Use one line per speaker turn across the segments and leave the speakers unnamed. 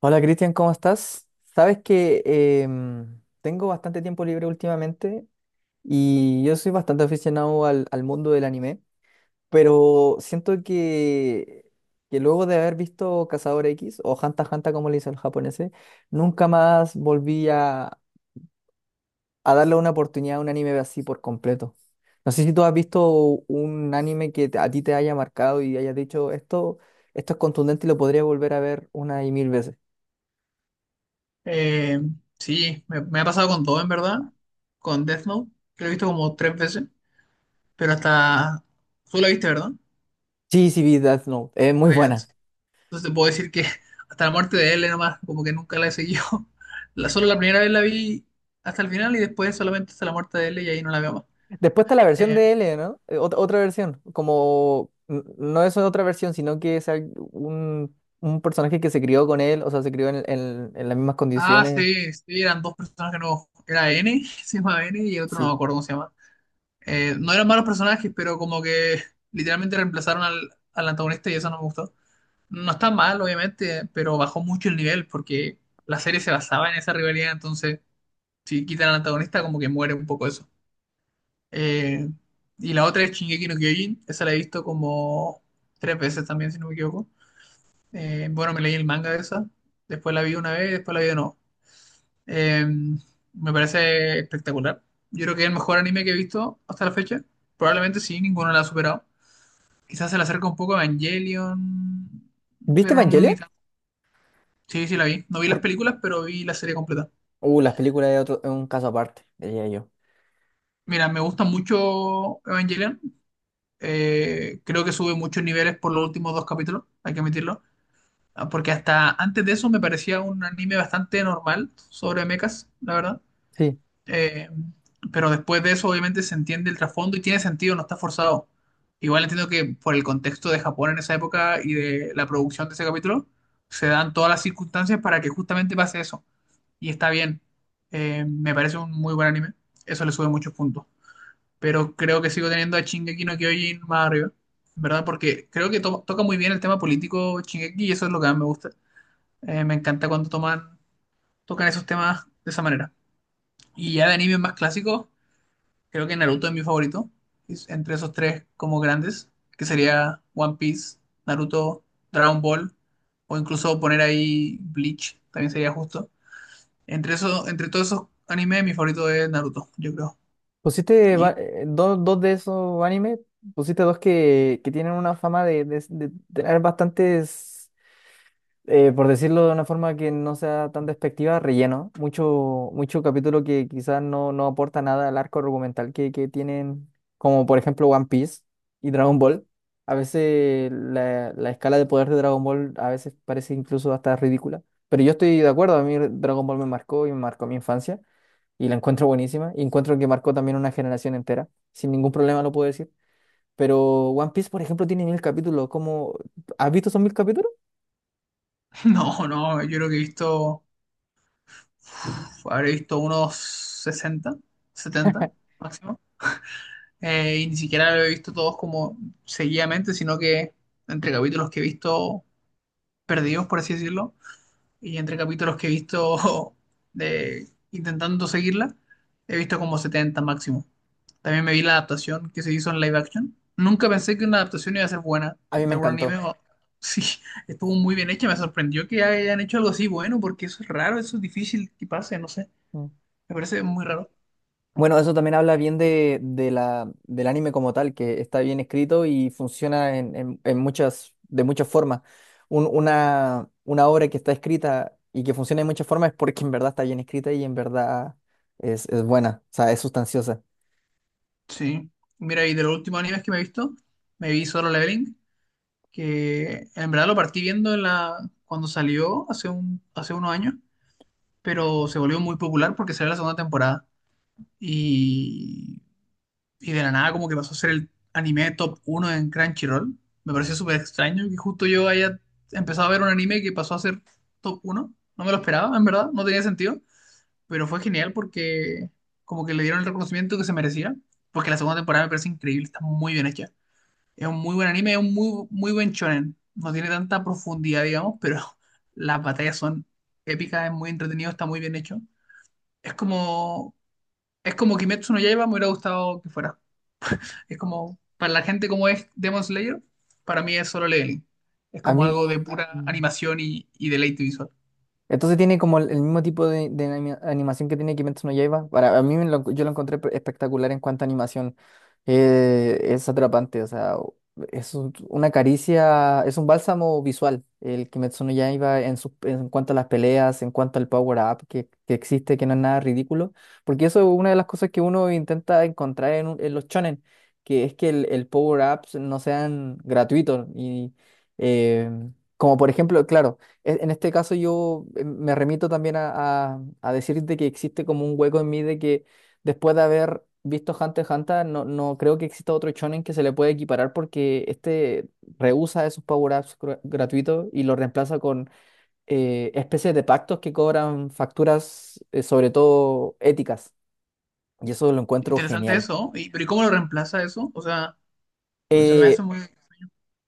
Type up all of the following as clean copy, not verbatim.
Hola Cristian, ¿cómo estás? Sabes que tengo bastante tiempo libre últimamente y yo soy bastante aficionado al mundo del anime, pero siento que luego de haber visto Cazador X o Hunter x Hunter como le dice el japonés, nunca más a darle una oportunidad a un anime así por completo. No sé si tú has visto un anime que a ti te haya marcado y hayas dicho esto, esto es contundente y lo podría volver a ver una y mil veces.
Eh, sí, me ha pasado con todo, en verdad. Con Death Note, que lo he visto como tres veces. Pero hasta... Tú la viste, ¿verdad?
Sí, sí, vi Death Note. Es muy
Ah, ya.
buena.
Entonces te puedo decir que hasta la muerte de L nomás, como que nunca la he seguido. Solo la primera vez la vi hasta el final y después solamente hasta la muerte de L y ahí no la veo más.
Después está la versión
Eh,
de L, ¿no? Otra versión. No es otra versión, sino que es un personaje que se crió con él, o sea, se crió en las mismas condiciones.
sí, sí, eran dos personajes nuevos. Era N, se llamaba N y el otro no me
Sí.
acuerdo cómo se llama. No eran malos personajes, pero como que literalmente reemplazaron al antagonista y eso no me gustó. No está mal, obviamente, pero bajó mucho el nivel porque la serie se basaba en esa rivalidad, entonces si quitan al antagonista como que muere un poco eso. Eh, y la otra es Shingeki no Kyojin, esa la he visto como tres veces también, si no me equivoco. Bueno, me leí el manga de esa, después la vi una vez, después la vi de nuevo. Eh, Me parece espectacular. Yo creo que es el mejor anime que he visto hasta la fecha. Probablemente sí, ninguno la ha superado. Quizás se le acerca un poco a Evangelion,
¿Viste
pero ni
Evangelion?
tanto. Sí, sí, la vi. No vi las
Por...
películas, pero vi la serie completa.
Las películas de otro, es un caso aparte, diría yo.
Mira, me gusta mucho Evangelion. Creo que sube muchos niveles por los últimos dos capítulos, hay que admitirlo. Ah, porque hasta antes de eso me parecía un anime bastante normal sobre mechas, la verdad.
Sí.
Eh, pero después de eso, obviamente, se entiende el trasfondo y tiene sentido, no está forzado. Igual entiendo que por el contexto de Japón en esa época y de la producción de ese capítulo, se dan todas las circunstancias para que justamente pase eso. Y está bien. Me parece un muy buen anime. Eso le sube muchos puntos. Pero creo que sigo teniendo a Shingeki no Kyojin más arriba, ¿verdad? Porque creo que toca muy bien el tema político Shingeki y eso es lo que más me gusta. Me encanta cuando tocan esos temas de esa manera. Y ya de animes más clásicos, creo que Naruto es mi favorito. Es entre esos tres como grandes, que sería One Piece, Naruto, Dragon Ball, o incluso poner ahí Bleach, también sería justo. Entre entre todos esos animes, mi favorito es Naruto, yo creo.
¿Pusiste
Y
dos de esos animes? ¿Pusiste dos que tienen una fama de, de tener bastantes. Eh, por decirlo de una forma que no sea tan despectiva, relleno. Mucho capítulo que quizás no aporta nada al arco argumental que tienen, como por ejemplo One Piece y Dragon Ball. A veces la escala de poder de Dragon Ball a veces parece incluso hasta ridícula. Pero yo estoy de acuerdo, a mí Dragon Ball me marcó y me marcó mi infancia y la encuentro buenísima y encuentro que marcó también una generación entera. Sin ningún problema lo puedo decir. Pero One Piece, por ejemplo, tiene mil capítulos. ¿Cómo? ¿Has visto esos mil capítulos?
no, no, yo creo que he uf, habré visto unos 60 70 máximo. Y ni siquiera lo he visto todos como seguidamente, sino que entre capítulos que he visto perdidos, por así decirlo, y entre capítulos que he visto de intentando seguirla, he visto como 70 máximo. También me vi la adaptación que se hizo en live action. Nunca pensé que una adaptación iba a ser buena
A mí me
de algún anime.
encantó.
Sí, estuvo muy bien hecha. Me sorprendió que hayan hecho algo así bueno, porque eso es raro, eso es difícil que pase, no sé. Me parece muy raro.
Bueno, eso también habla bien del anime como tal, que está bien escrito y funciona en muchas, de muchas formas. Una obra que está escrita y que funciona de muchas formas es porque en verdad está bien escrita y en verdad es buena, o sea, es sustanciosa.
Sí. Mira, y de los últimos animes que me he visto, me vi Solo Leveling, que en verdad lo partí viendo en la... cuando salió hace un... hace unos años pero se volvió muy popular porque salió la segunda temporada y, y de la nada como que pasó a ser el anime top uno en Crunchyroll. Me pareció súper extraño que justo yo haya empezado a ver un anime que pasó a ser top uno. No me lo esperaba, en verdad, no tenía sentido, pero fue genial porque como que le dieron el reconocimiento que se merecía, porque la segunda temporada me parece increíble, está muy bien hecha. Es un muy buen anime, es un muy, muy buen shonen. No tiene tanta profundidad, digamos, pero las batallas son épicas, es muy entretenido, está muy bien hecho. Es como, es como Kimetsu no Yaiba me hubiera gustado que fuera. Es como, para la gente como es Demon Slayer, para mí es solo leveling. Es
A
como
mí,
algo de pura animación y deleite visual.
entonces tiene como el mismo tipo de animación que tiene Kimetsu no Yaiba. Para a mí me yo lo encontré espectacular en cuanto a animación. Es atrapante, o sea, es una caricia, es un bálsamo visual. El Kimetsu no Yaiba en, en cuanto a las peleas, en cuanto al power up que existe, que no es nada ridículo. Porque eso es una de las cosas que uno intenta encontrar en, en los shonen, que es que el power ups no sean gratuitos y eh, como por ejemplo, claro, en este caso yo me remito también a decirte que existe como un hueco en mí de que después de haber visto Hunter x Hunter, no creo que exista otro shonen que se le pueda equiparar porque este rehúsa esos gratuitos y lo reemplaza con especies de pactos que cobran facturas, sobre todo éticas. Y eso lo encuentro
Interesante
genial.
eso, ¿no? Y, pero ¿y cómo lo reemplaza eso? O sea, se me
Eh,
hace muy...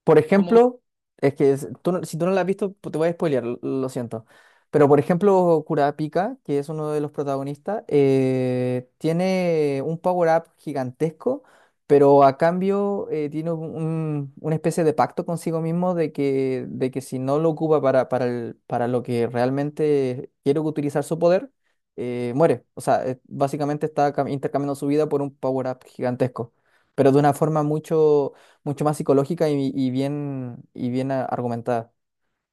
Por
Como,
ejemplo, es que tú si tú no la has visto, te voy a spoilear, lo siento. Pero por ejemplo, Kurapika, que es uno de los protagonistas, tiene un power-up gigantesco, pero a cambio tiene una especie de pacto consigo mismo de que si no lo ocupa para lo que realmente quiere utilizar su poder, muere. O sea, básicamente está intercambiando su vida por un power-up gigantesco, pero de una forma mucho mucho más psicológica y bien argumentada.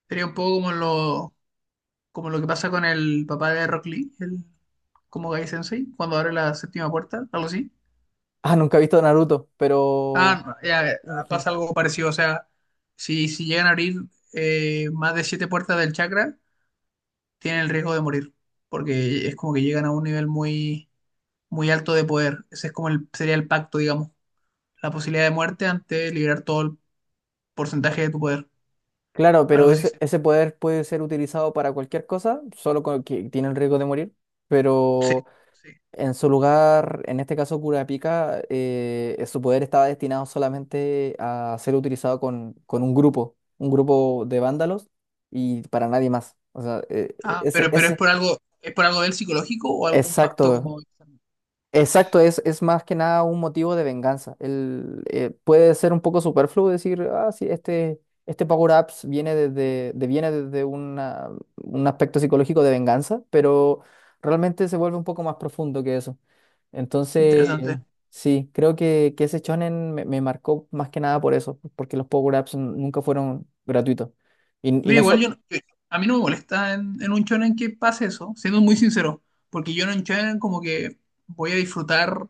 sería un poco como como lo que pasa con el papá de Rock Lee, como Gai Sensei, cuando abre la séptima puerta, algo así.
Ah, nunca he visto Naruto, pero
Ah, no, ya,
me imagino.
pasa algo parecido, o sea, si llegan a abrir más de siete puertas del chakra, tienen el riesgo de morir, porque es como que llegan a un nivel muy alto de poder. Ese es como sería el pacto, digamos, la posibilidad de muerte ante liberar todo el porcentaje de tu poder,
Claro, pero
algo así.
ese poder puede ser utilizado para cualquier cosa, solo con que tiene el riesgo de morir.
Sí,
Pero
sí.
en su lugar, en este caso Kurapika, su poder estaba destinado solamente a ser utilizado con un grupo de vándalos y para nadie más. O sea,
Ah, pero, pero
ese,
es por algo del psicológico o algún pacto
exacto,
como
exacto, es más que nada un motivo de venganza. El, puede ser un poco superfluo decir, ah, sí, este Power Ups viene viene desde un aspecto psicológico de venganza, pero realmente se vuelve un poco más profundo que eso. Entonces,
interesante.
sí, creo que ese shonen me marcó más que nada por eso, porque los Power Ups nunca fueron gratuitos. Y
Mira,
no
igual yo, a mí no me molesta en un shonen que pase eso, siendo muy sincero, porque yo en un shonen como que voy a disfrutar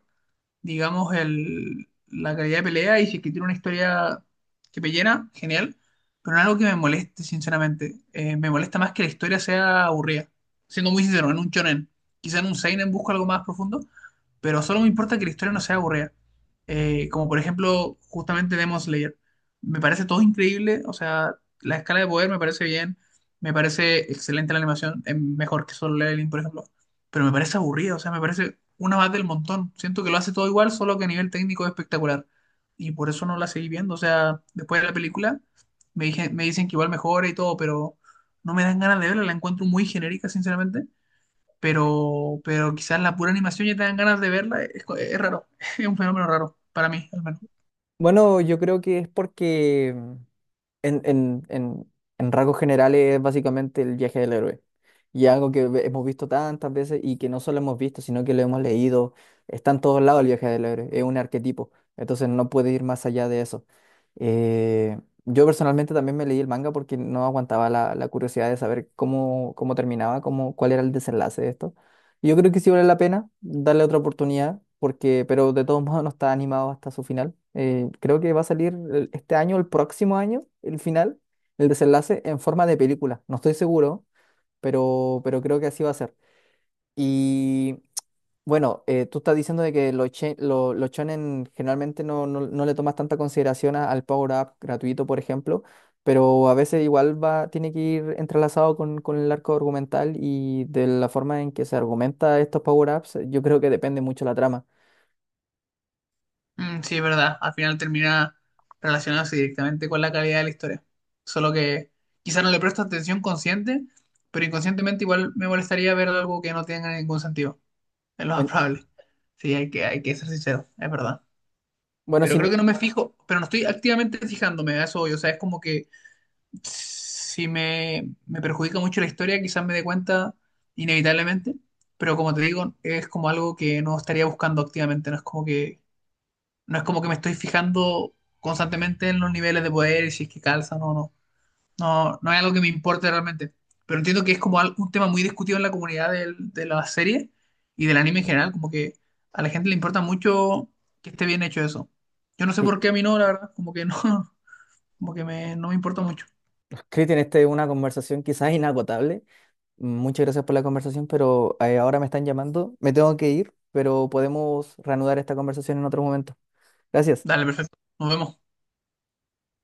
digamos, la calidad de pelea y si es que tiene una historia que me llena, genial, pero no es algo que me moleste, sinceramente. Me molesta más que la historia sea aburrida, siendo muy sincero, en un shonen. Quizá en un seinen busco algo más profundo, pero solo me importa que la historia no sea aburrida. Como por ejemplo, justamente Demon Slayer. Me parece todo increíble, o sea, la escala de poder me parece bien, me parece excelente la animación, es mejor que Solo Leveling, por ejemplo, pero me parece aburrido, o sea, me parece una más del montón. Siento que lo hace todo igual, solo que a nivel técnico es espectacular. Y por eso no la seguí viendo, o sea, después de la película me dije, me dicen que igual mejora y todo, pero no me dan ganas de verla, la encuentro muy genérica, sinceramente. Pero quizás la pura animación ya te dan ganas de verla, es raro, es un fenómeno raro, para mí, al menos.
bueno, yo creo que es porque En, en, en, en rasgos generales es básicamente el viaje del héroe. Y algo que hemos visto tantas veces y que no solo hemos visto, sino que lo hemos leído. Está en todos lados el viaje del héroe. Es un arquetipo. Entonces no puede ir más allá de eso. Eh, yo personalmente también me leí el manga porque no aguantaba la curiosidad de saber cómo, cómo terminaba, cómo, cuál era el desenlace de esto. Yo creo que sí vale la pena darle otra oportunidad, porque, pero de todos modos no está animado hasta su final. Creo que va a salir este año, el próximo año, el final, el desenlace en forma de película. No estoy seguro, pero creo que así va a ser. Y bueno, tú estás diciendo de que los, los shonen generalmente no le tomas tanta consideración al Power Up gratuito, por ejemplo, pero a veces igual va, tiene que ir entrelazado con el arco argumental y de la forma en que se argumenta estos Power Ups, yo creo que depende mucho la trama.
Mm, sí, es verdad. Al final termina relacionándose directamente con la calidad de la historia. Solo que quizás no le presto atención consciente, pero inconscientemente igual me molestaría ver algo que no tenga ningún sentido. Es lo más
En-
probable. Sí, hay hay que ser sincero, es verdad.
bueno,
Pero
si,
creo que no me fijo, pero no estoy activamente fijándome a eso hoy. O sea, es como que si me perjudica mucho la historia, quizás me dé cuenta inevitablemente. Pero como te digo, es como algo que no estaría buscando activamente. No es como que me estoy fijando constantemente en los niveles de poder y si es que calzan o no. No, no es algo que me importe realmente. Pero entiendo que es como un tema muy discutido en la comunidad de la serie y del anime en general. Como que a la gente le importa mucho que esté bien hecho eso. Yo no sé
sí,
por qué a mí no, la verdad. Como que no, como que no me importa mucho.
Cristian, esta es una conversación quizás inagotable. Muchas gracias por la conversación, pero ahora me están llamando, me tengo que ir, pero podemos reanudar esta conversación en otro momento. Gracias.
Dale, perfecto. Nos vemos.